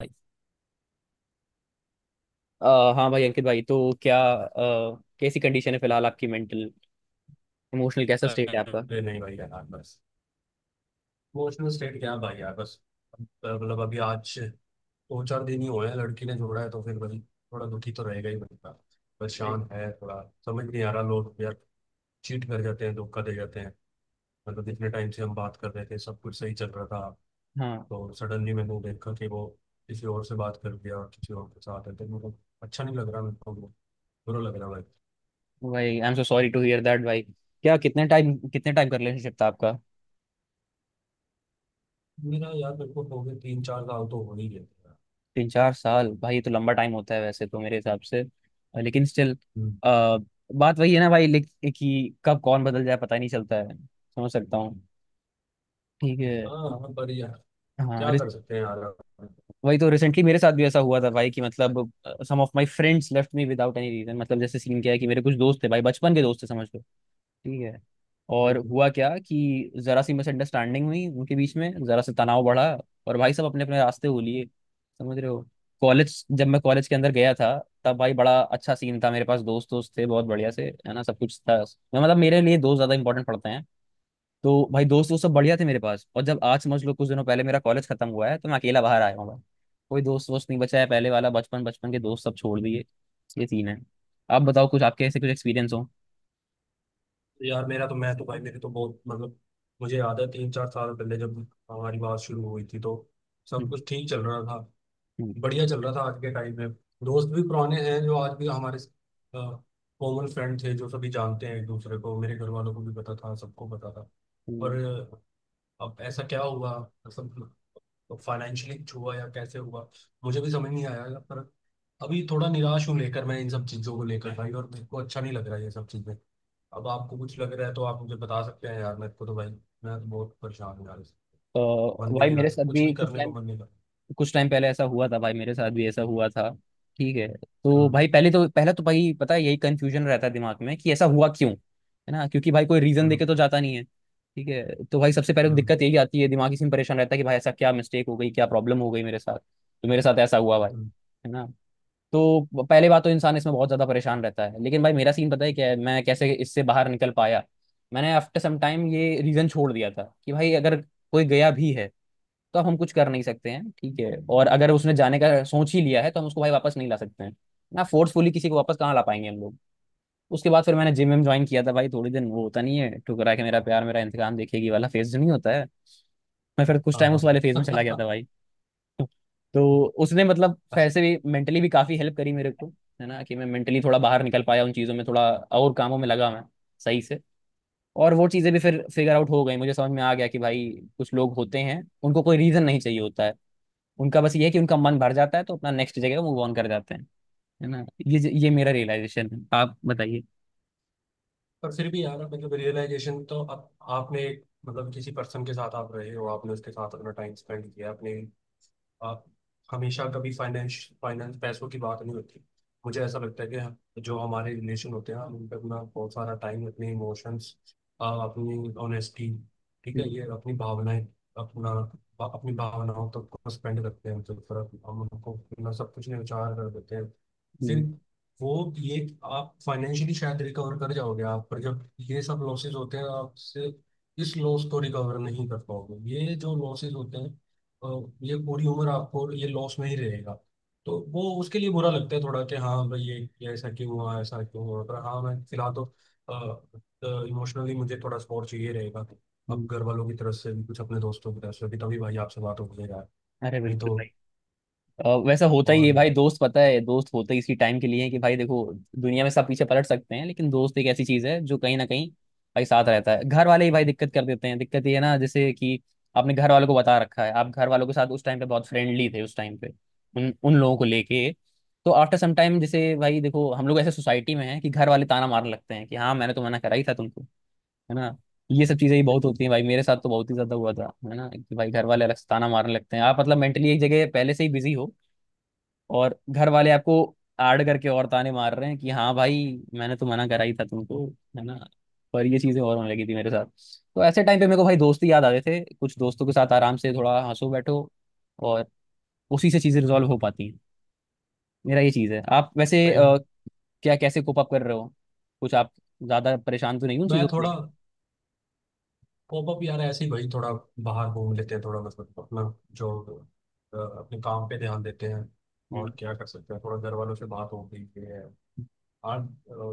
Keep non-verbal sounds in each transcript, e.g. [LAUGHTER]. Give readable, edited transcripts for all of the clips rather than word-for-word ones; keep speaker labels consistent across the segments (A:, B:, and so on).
A: भाई हाँ भाई अंकित भाई, तो क्या कैसी कंडीशन है फिलहाल आपकी? मेंटल इमोशनल कैसा स्टेट है आपका?
B: अरे नहीं भाई यार बस। इमोशनल स्टेट क्या भाई यार बस। मतलब अभी आज दो चार दिन ही हुए हैं लड़की ने जोड़ा है तो फिर भाई थोड़ा दुखी तो रहेगा ही बंदा।
A: अरे
B: परेशान है थोड़ा। समझ नहीं आ रहा लोग यार चीट कर जाते हैं धोखा दे जाते हैं। मतलब जितने टाइम से हम बात कर रहे थे सब कुछ सही चल रहा था
A: हाँ
B: तो सडनली मैंने देखा कि वो किसी और से बात कर दिया और किसी और के साथ है तो मतलब अच्छा नहीं लग रहा मेरे को। बुरा लग रहा भाई।
A: भाई, I am so sorry to hear that भाई। क्या कितने टाइम का रिलेशनशिप था आपका?
B: मेरा यार मेरे को हो गए तीन चार साल तो हो ही गए थे यार।
A: 3 4 साल भाई, ये तो लंबा टाइम होता है वैसे तो मेरे हिसाब से। लेकिन स्टिल
B: हम्म।
A: बात वही है ना भाई, कि कब कौन बदल जाए पता ही नहीं चलता है, समझ सकता हूँ। ठीक है।
B: हाँ हाँ, पर यार
A: हाँ,
B: क्या कर सकते हैं यार।
A: वही तो, रिसेंटली मेरे साथ भी ऐसा हुआ था भाई कि मतलब some of my friends left me without any reason. मतलब जैसे सीन क्या है कि मेरे कुछ दोस्त थे भाई, बचपन के दोस्त थे, समझ लो। ठीक है। और
B: हम्म।
A: हुआ क्या कि जरा सी मिसअंडरस्टैंडिंग हुई उनके बीच में, जरा सा तनाव बढ़ा, और भाई सब अपने अपने रास्ते हो लिए, समझ रहे हो। कॉलेज, जब मैं कॉलेज के अंदर गया था तब भाई बड़ा अच्छा सीन था, मेरे पास दोस्त दोस्त थे, बहुत बढ़िया से, है ना, सब कुछ था। मैं मतलब मेरे लिए दोस्त ज्यादा इंपॉर्टेंट पड़ते हैं। तो भाई दोस्त वो सब बढ़िया थे मेरे पास, और जब आज, समझ लो कुछ दिनों पहले मेरा कॉलेज खत्म हुआ है, तो मैं अकेला बाहर आया हूँ भाई। कोई दोस्त वोस्त नहीं बचा है, पहले वाला बचपन बचपन के दोस्त सब छोड़ दिए। ये सीन है। आप बताओ, कुछ आपके ऐसे कुछ एक्सपीरियंस हो।
B: यार मेरा तो मैं तो भाई मेरे तो बहुत मतलब मुझे याद है तीन चार साल पहले जब हमारी बात शुरू हुई थी तो सब
A: हम्म।
B: कुछ ठीक चल रहा था।
A: हम्म।
B: बढ़िया चल रहा था आज के टाइम में। दोस्त भी पुराने हैं जो आज भी हमारे कॉमन फ्रेंड थे जो सभी जानते हैं एक दूसरे को मेरे घर वालों को भी पता था सबको पता था।
A: हम्म।
B: पर अब ऐसा क्या हुआ मतलब फाइनेंशियली हुआ या कैसे हुआ मुझे भी समझ नहीं आया। पर अभी थोड़ा निराश हूँ लेकर मैं इन सब चीज़ों को लेकर भाई और मेरे को अच्छा नहीं लग रहा है ये सब चीज़ें। अब आपको कुछ लग रहा है तो आप मुझे बता सकते हैं यार मेरे को तो भाई मैं तो बहुत परेशान हूँ यार इससे। मन
A: तो
B: भी
A: भाई
B: नहीं
A: मेरे
B: लग रहा
A: साथ
B: कुछ भी
A: भी कुछ
B: करने को
A: टाइम
B: मन नहीं लग रहा।
A: कुछ टाइम पहले ऐसा हुआ था भाई, मेरे साथ भी ऐसा हुआ था। ठीक है, तो
B: हम्म।
A: भाई पहले तो पहला तो भाई पता है यही कंफ्यूजन रहता है दिमाग में कि ऐसा हुआ क्यों, है ना, क्योंकि भाई कोई रीजन
B: हम्म।
A: देके तो जाता नहीं है। ठीक है, तो भाई सबसे पहले तो
B: हम्म।
A: दिक्कत यही आती है, दिमाग इसी में परेशान रहता है कि भाई ऐसा क्या मिस्टेक हो गई, क्या प्रॉब्लम हो गई मेरे साथ, तो मेरे साथ ऐसा हुआ भाई,
B: हम्म,
A: है ना। तो पहले बात तो इंसान इसमें बहुत ज्यादा परेशान रहता है, लेकिन भाई मेरा सीन पता है क्या है, मैं कैसे इससे बाहर निकल पाया। मैंने आफ्टर सम टाइम ये रीजन छोड़ दिया था कि भाई अगर कोई गया भी है तो अब हम कुछ कर नहीं सकते हैं, ठीक है, और अगर उसने जाने का सोच ही लिया है तो हम उसको भाई वापस नहीं ला सकते हैं, ना फोर्सफुली किसी को वापस कहाँ ला पाएंगे हम लोग। उसके बाद फिर मैंने जिम में ज्वाइन किया था भाई, थोड़ी दिन वो होता नहीं है, ठुकरा के मेरा प्यार मेरा इंतकाम देखेगी वाला फेज जो नहीं होता है, मैं फिर कुछ
B: हाँ
A: टाइम उस वाले फेज में
B: हाँ
A: चला गया था
B: हाँ।
A: भाई। तो उसने मतलब वैसे
B: [LAUGHS]
A: भी मेंटली भी काफी हेल्प करी मेरे को, है ना, कि मैं मेंटली थोड़ा बाहर निकल पाया उन चीजों में, थोड़ा और कामों में लगा मैं, सही से। और वो चीजें भी फिर फिगर आउट हो गई, मुझे समझ में आ गया कि भाई कुछ लोग होते हैं उनको कोई रीजन नहीं चाहिए होता है, उनका बस ये है कि उनका मन भर जाता है तो अपना नेक्स्ट जगह मूव ऑन कर जाते हैं, है ना। ये मेरा रियलाइजेशन है, आप बताइए।
B: पर फिर भी यार मतलब रियलाइजेशन तो अब आपने एक मतलब किसी पर्सन के साथ आप रहे हो आपने उसके साथ अपना टाइम स्पेंड किया अपने आप हमेशा कभी फाइनेंस फाइनेंस पैसों की बात नहीं होती। मुझे ऐसा लगता है कि जो हमारे रिलेशन होते हैं हम उन पर अपना बहुत सारा टाइम अपने इमोशंस अपनी ऑनेस्टी ठीक है
A: हम्म।
B: ये अपनी भावनाएं अपना अपनी भावनाओं तक को स्पेंड करते हैं तो फिर हम उनको अपना सब कुछ न्यौछावर कर देते हैं। फिर
A: हम्म।
B: वो ये आप फाइनेंशियली शायद रिकवर कर जाओगे आप पर जब ये सब लॉसेस होते हैं आपसे इस लॉस को रिकवर नहीं कर पाओगे ये जो लॉसेस होते हैं अ, ये पूरी उम्र आपको ये लॉस में ही रहेगा। तो वो उसके लिए बुरा लगता है थोड़ा कि हाँ भाई ये ऐसा क्यों हुआ पर हाँ मैं फिलहाल तो इमोशनली मुझे थोड़ा सपोर्ट चाहिए रहेगा। अब
A: हम्म।
B: घर वालों की तरफ से भी कुछ अपने दोस्तों की तरफ से भी तभी भाई आपसे बात हो गई यार
A: अरे
B: नहीं
A: बिल्कुल
B: तो।
A: भाई, वैसा होता ही है
B: और
A: भाई,
B: यार
A: दोस्त, पता है दोस्त होते ही इसी टाइम के लिए हैं कि भाई देखो दुनिया में सब पीछे पलट सकते हैं लेकिन दोस्त एक ऐसी चीज है जो कहीं ना कहीं भाई साथ रहता है। घर वाले ही भाई दिक्कत कर देते हैं, दिक्कत ये है ना, जैसे कि आपने घर वालों को बता रखा है, आप घर वालों के साथ उस टाइम पे बहुत फ्रेंडली थे, उस टाइम पे उन उन लोगों को लेके, तो आफ्टर सम टाइम जैसे भाई देखो हम लोग ऐसे सोसाइटी में हैं कि घर वाले ताना मारने लगते हैं कि हाँ मैंने तो मना करा ही था तुमको, है ना, ये सब चीजें ही बहुत
B: एक
A: होती हैं भाई, मेरे साथ तो बहुत ही ज्यादा हुआ था, है ना, कि भाई घर वाले अलग से ताना मारने लगते हैं, आप मतलब मेंटली एक जगह पहले से ही बिजी हो, और घर वाले आपको आड़ करके और ताने मार रहे हैं कि हाँ भाई मैंने तो मना करा ही था तुमको, है ना। पर ये चीजें और होने लगी थी मेरे साथ। तो ऐसे टाइम पे मेरे को भाई दोस्त ही याद आ गए थे, कुछ दोस्तों के साथ आराम से थोड़ा हंसो बैठो, और उसी से चीजें रिजॉल्व हो पाती हैं। मेरा ये चीज है। आप वैसे
B: टाइम
A: क्या, कैसे कोप अप कर रहे हो? कुछ आप ज्यादा परेशान तो नहीं हो उन
B: मैं
A: चीजों को
B: थोड़ा
A: लेकर?
B: पॉपअप यार ऐसे ही भाई थोड़ा बाहर घूम लेते हैं थोड़ा मतलब अपना जो अपने काम पे ध्यान देते हैं। और
A: हम्म।
B: क्या कर सकते हैं थोड़ा घर वालों से बात हो गई है आज।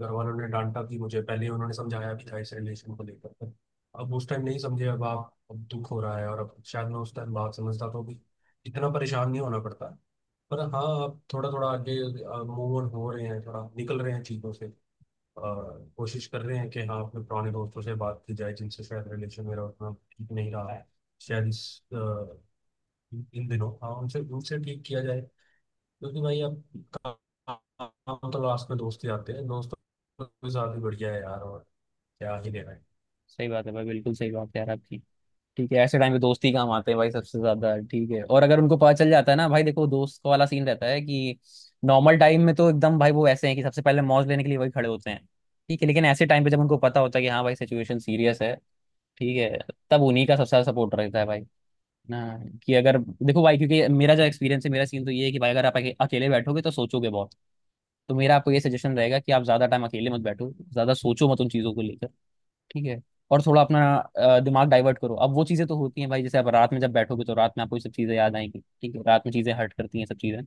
B: घर वालों ने डांटा भी मुझे पहले उन्होंने समझाया भी था इस रिलेशन को लेकर। अब उस टाइम नहीं समझे अब आप अब दुख हो रहा है और अब शायद मैं उस टाइम बात समझता तो भी इतना परेशान नहीं होना पड़ता। पर हाँ आप थोड़ा थोड़ा आगे मूव ऑन हो रहे हैं थोड़ा निकल रहे हैं चीज़ों से और कोशिश कर रहे हैं कि हाँ अपने पुराने दोस्तों से बात की जाए जिनसे शायद रिलेशन मेरा उतना ठीक नहीं रहा है शायद इन दिनों हाँ उनसे उनसे ठीक किया जाए। क्योंकि भाई अब काम तो लास्ट में दोस्त ही आते हैं दोस्त तो काफी बढ़िया है यार और क्या ही लेना है।
A: सही बात है भाई, बिल्कुल सही बात है यार आपकी। ठीक है, ऐसे टाइम पे दोस्त ही काम आते हैं भाई सबसे ज्यादा, ठीक है, और अगर उनको पता चल जाता है ना, भाई देखो दोस्त का वाला सीन रहता है कि नॉर्मल टाइम में तो एकदम भाई वो ऐसे हैं कि सबसे पहले मौज लेने के लिए वही खड़े होते हैं, ठीक है, लेकिन ऐसे टाइम पे जब उनको पता होता है कि हाँ भाई सिचुएशन सीरियस है, ठीक है, तब उन्हीं का सबसे ज्यादा सपोर्ट रहता है भाई, ना, कि अगर देखो भाई क्योंकि मेरा जो एक्सपीरियंस है, मेरा सीन तो ये है कि भाई अगर आप अकेले बैठोगे तो सोचोगे बहुत, तो मेरा आपको ये सजेशन रहेगा कि आप ज्यादा टाइम अकेले मत बैठो, ज्यादा सोचो मत उन चीजों को लेकर, ठीक है, और थोड़ा अपना दिमाग डाइवर्ट करो। अब वो चीजें तो होती हैं भाई, जैसे आप रात में जब बैठोगे तो रात में आपको ये सब चीजें याद आएंगी, ठीक है, रात में चीजें हर्ट करती हैं सब चीजें,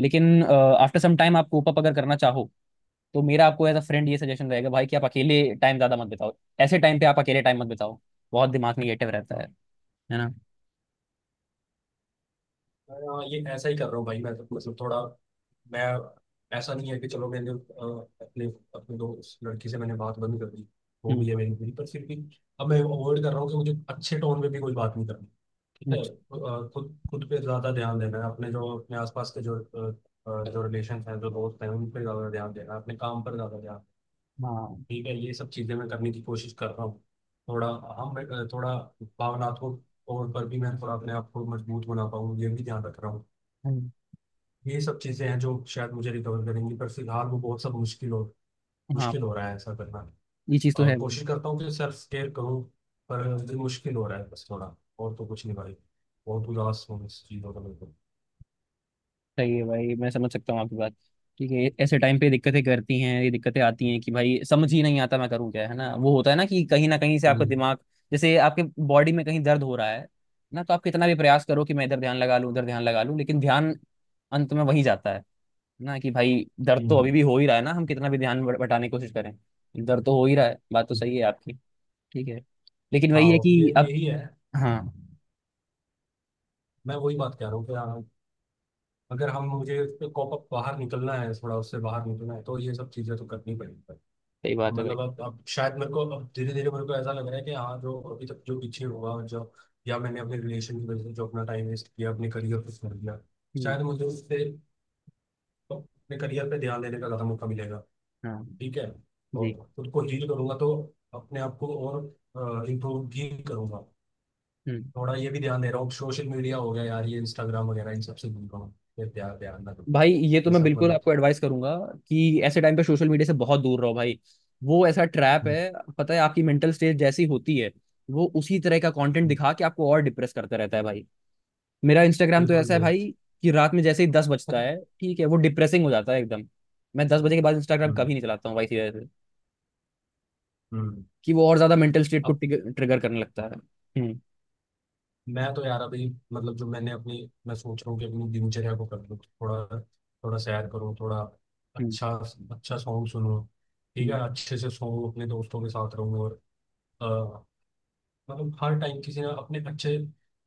A: लेकिन आफ्टर सम टाइम आप कोप अप अगर करना चाहो तो मेरा आपको एज अ फ्रेंड ये सजेशन रहेगा भाई कि आप अकेले टाइम ज्यादा मत बिताओ, ऐसे टाइम पे आप अकेले टाइम मत बिताओ, बहुत दिमाग निगेटिव रहता है ना।
B: ये ऐसा ही कर रहा हूँ भाई मैं तो मतलब थोड़ा मैं ऐसा नहीं है कि चलो अपने अपने दोस्त लड़की से मैंने बात बंद कर दी वो
A: हम्म।
B: भी है मेरी पूरी पर फिर भी। अब मैं अवॉइड कर रहा हूँ कि मुझे अच्छे टोन में भी कोई बात नहीं करनी। ठीक है
A: अच्छा।
B: खुद खुद पे ज्यादा ध्यान देना है अपने जो अपने आसपास के जो जो रिलेशन हैं जो दोस्त हैं उन पे ज्यादा ध्यान देना है अपने काम पर ज्यादा ध्यान।
A: हाँ।
B: ठीक है ये सब चीजें मैं करने की कोशिश कर रहा हूँ थोड़ा हम थोड़ा भावनात्मक तौर पर भी मैं थोड़ा अपने आप को मजबूत बना पाऊँ ये भी ध्यान रख रहा हूँ।
A: हम्म।
B: ये सब चीजें हैं जो शायद मुझे रिकवर करेंगी पर फिलहाल वो बहुत सब मुश्किल हो
A: हाँ,
B: रहा है ऐसा करना।
A: ये चीज तो
B: और
A: है।
B: कोशिश करता हूँ कि सेल्फ केयर करूँ पर ये मुश्किल हो रहा है बस थोड़ा और तो कुछ नहीं भाई। बहुत उदास हूँ इस चीज़ों का बिल्कुल।
A: सही है भाई, मैं समझ सकता हूँ आपकी बात, ठीक है, ऐसे टाइम पे दिक्कतें करती हैं ये, दिक्कतें आती हैं कि भाई समझ ही नहीं आता मैं करूँ क्या, है ना, वो होता है ना कि कहीं ना कहीं से आपका
B: हम्म।
A: दिमाग, जैसे आपके बॉडी में कहीं दर्द हो रहा है ना, तो आप कितना भी प्रयास करो कि मैं इधर ध्यान लगा लूँ उधर ध्यान लगा लूँ, लेकिन ध्यान अंत में वही जाता है, ना, कि भाई दर्द तो अभी
B: हम्म।
A: भी हो ही रहा है ना, हम कितना भी ध्यान बटाने की कोशिश करें, दर्द तो हो ही रहा है, बात तो
B: हम्म।
A: सही है आपकी, ठीक है, लेकिन वही है
B: हाँ ये
A: कि अब,
B: यही है।
A: हाँ,
B: मैं वही बात कह रहा हूँ कि हाँ, अगर हम मुझे उस पे कॉप अप बाहर निकलना है थोड़ा उससे बाहर निकलना है तो ये सब चीज़ें तो करनी पड़ेगी।
A: सही बात है भाई।
B: मतलब अब शायद मेरे को अब धीरे धीरे मेरे को ऐसा लग रहा है कि हाँ जो अभी तक जो पीछे हुआ जो या मैंने अपने रिलेशन की वजह से जो अपना टाइम वेस्ट किया अपने करियर को छोड़ दिया
A: हम्म।
B: शायद मुझे उससे अपने करियर पे ध्यान देने का ज़्यादा मौका मिलेगा।
A: हाँ।
B: ठीक है और
A: जी।
B: खुद को हील करूंगा तो अपने आप को और इम्प्रूव भी करूंगा।
A: हम्म।
B: थोड़ा ये भी ध्यान दे रहा हूँ सोशल मीडिया हो गया यार ये इंस्टाग्राम वगैरह इन सबसे दूर रहूँ। ये ध्यान ध्यान ना दूँ।
A: भाई ये तो
B: ये
A: मैं
B: सब
A: बिल्कुल
B: मतलब।
A: आपको एडवाइस करूंगा कि ऐसे टाइम पे सोशल मीडिया से बहुत दूर रहो भाई, वो ऐसा ट्रैप
B: हम्म।
A: है, पता है आपकी मेंटल स्टेट जैसी होती है वो उसी तरह का कंटेंट
B: हम्म,
A: दिखा के आपको और डिप्रेस करता रहता है भाई। मेरा इंस्टाग्राम तो
B: बिल्कुल
A: ऐसा है
B: बिल्कुल।
A: भाई कि रात में जैसे ही 10 बजता है,
B: [LAUGHS]
A: ठीक है, वो डिप्रेसिंग हो जाता है एकदम। मैं 10 बजे के बाद इंस्टाग्राम कभी
B: हम्म।
A: नहीं चलाता हूँ भाई सीधे से,
B: हम्म।
A: कि वो और ज्यादा मेंटल स्टेट को
B: अब
A: ट्रिगर करने लगता है। हम्म।
B: मैं तो यार अभी मतलब जो मैंने अपनी मैं सोच रहा हूँ कि अपनी दिनचर्या को कर लूँ थोड़ा थोड़ा सैर करूँ थोड़ा
A: हम्म।
B: अच्छा अच्छा सॉन्ग सुनूँ। ठीक
A: हम्म।
B: है अच्छे से सोऊं अपने दोस्तों के साथ रहूँ और अ, मतलब हर टाइम किसी ना अपने अच्छे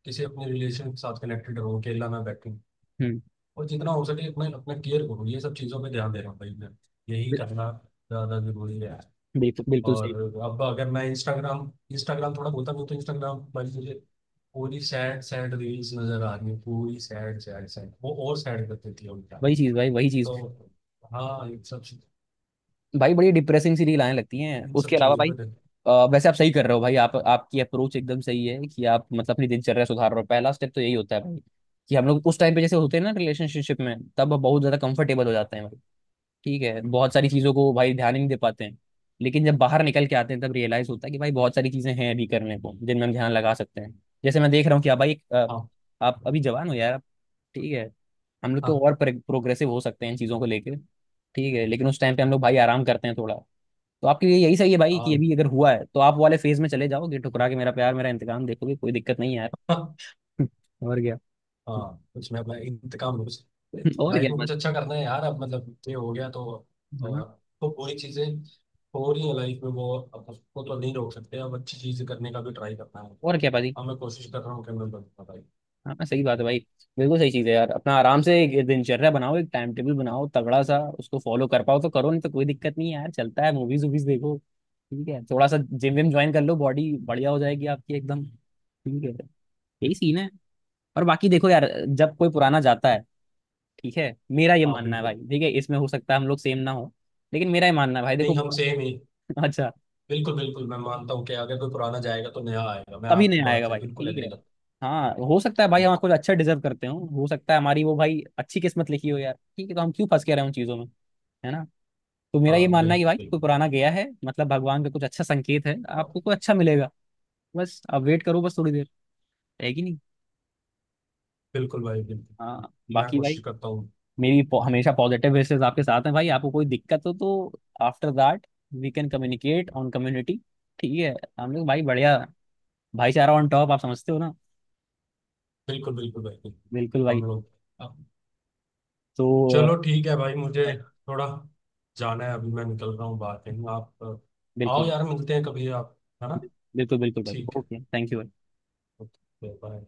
B: किसी अपने रिलेशन के साथ कनेक्टेड रहूँ अकेला ना बैठूँ।
A: हम्म।
B: और जितना हो सके अपने अपना केयर करूँ ये सब चीज़ों पर ध्यान दे रहा हूँ भाई मैं। यही करना ज़्यादा जरूरी है।
A: बिल्कुल बिल्कुल सही।
B: और अब अगर मैं इंस्टाग्राम इंस्टाग्राम थोड़ा बोलता हूँ तो इंस्टाग्राम पर मुझे पूरी सैड सैड रील्स नजर आ रही है पूरी सैड सैड सैड वो और सैड कर देती है उल्टा।
A: वही चीज भाई, वही चीज।
B: तो हाँ
A: भाई बड़ी डिप्रेसिंग सी रील आने लगती हैं
B: इन
A: उसके
B: सब
A: अलावा
B: चीजों
A: भाई।
B: पर।
A: वैसे आप सही कर रहे हो भाई, आप, आपकी अप्रोच एकदम सही है कि आप मतलब अपनी दिनचर्या सुधार रहे हो, पहला स्टेप तो यही होता है भाई, कि हम लोग उस टाइम पे जैसे होते हैं ना रिलेशनशिप में, तब बहुत ज्यादा कंफर्टेबल हो जाते हैं भाई, ठीक है, बहुत सारी चीजों को भाई ध्यान ही नहीं दे पाते हैं, लेकिन जब बाहर निकल के आते हैं तब रियलाइज होता है कि भाई बहुत सारी चीजें हैं अभी करने को जिनमें हम ध्यान लगा सकते हैं। जैसे मैं देख रहा हूँ कि आप भाई एक,
B: हाँ
A: आप अभी जवान हो यार, आप-, ठीक है, हम लोग तो
B: हाँ
A: और प्रोग्रेसिव हो सकते हैं इन चीजों को लेकर, ठीक है, लेकिन उस टाइम पे हम लोग भाई आराम करते हैं थोड़ा, तो आपके लिए यही सही है भाई कि
B: हाँ।
A: अभी अगर हुआ है तो आप वाले फेज में चले जाओगे, ठुकरा के मेरा प्यार मेरा इंतकाम देखोगे, कोई दिक्कत नहीं है यार।
B: हाँ
A: [LAUGHS] और क्या।
B: हाँ, कुछ मैं अपना इंतकाम लूँ कुछ
A: [LAUGHS] और क्या
B: लाइफ में
A: बात।
B: कुछ अच्छा करना है यार। अब मतलब ये हो गया तो अ,
A: हाँ हाँ।
B: तो पूरी चीजें हो रही है लाइफ में वो। अब उसको तो नहीं रोक सकते अब अच्छी चीजें करने का भी ट्राई करना है।
A: और क्या पाजी।
B: हाँ मैं कोशिश कर रहा हूँ कि मैं बता भाई।
A: हाँ हाँ, सही बात है भाई, बिल्कुल सही चीज है यार, अपना आराम से एक दिनचर्या बनाओ, एक टाइम टेबल बनाओ तगड़ा सा, उसको फॉलो कर पाओ तो करो, नहीं तो कोई दिक्कत नहीं है यार, चलता है, मूवीज वूवीज देखो, ठीक है, थोड़ा सा जिम विम ज्वाइन कर लो, बॉडी बढ़िया हो जाएगी आपकी एकदम, ठीक है, यही सीन है। और बाकी देखो यार, जब कोई पुराना जाता है, ठीक है, मेरा ये
B: हाँ
A: मानना है भाई,
B: बिल्कुल।
A: ठीक है, इसमें हो सकता है हम लोग सेम ना हो, लेकिन मेरा ये मानना है भाई देखो,
B: नहीं हम
A: पूरा-,
B: सेम ही।
A: [LAUGHS] अच्छा,
B: बिल्कुल बिल्कुल मैं मानता हूँ कि अगर कोई पुराना जाएगा तो नया आएगा मैं
A: तभी नहीं
B: आपकी बात
A: आएगा
B: से
A: भाई,
B: बिल्कुल
A: ठीक है,
B: एग्री करता
A: हाँ हो सकता है भाई
B: हूँ।
A: हम कुछ अच्छा डिजर्व करते हो सकता है हमारी वो भाई अच्छी किस्मत लिखी हो यार, ठीक है, तो हम क्यों फंस के रहे हैं उन चीजों में, है ना। तो मेरा ये
B: हाँ
A: मानना है कि
B: बिल्कुल
A: भाई कोई
B: बिल्कुल।
A: पुराना गया है मतलब भगवान का कुछ अच्छा संकेत है, आपको कोई अच्छा मिलेगा, बस आप वेट करो, बस थोड़ी देर, है कि नहीं।
B: बिल्कुल भाई बिल्कुल।
A: हाँ।
B: मैं
A: बाकी भाई,
B: कोशिश करता हूँ।
A: हमेशा पॉजिटिव विशेस आपके साथ हैं भाई, आपको कोई दिक्कत हो तो after that we can communicate on community, ठीक है, हम लोग भाई बढ़िया, भाईचारा ऑन टॉप, आप समझते हो ना।
B: बिल्कुल बिल्कुल भाई बिल्कुल।
A: बिल्कुल
B: हम
A: भाई।
B: लोग अब।
A: तो अ,
B: चलो ठीक है भाई मुझे
A: भाई,
B: थोड़ा जाना है अभी मैं निकल रहा हूँ बाहर कहीं आप
A: बिल्कुल
B: आओ
A: भाई,
B: यार मिलते हैं कभी आप। है ना।
A: बिल्कुल बिल्कुल भाई,
B: ठीक है।
A: ओके थैंक यू भाई।
B: Okay bye.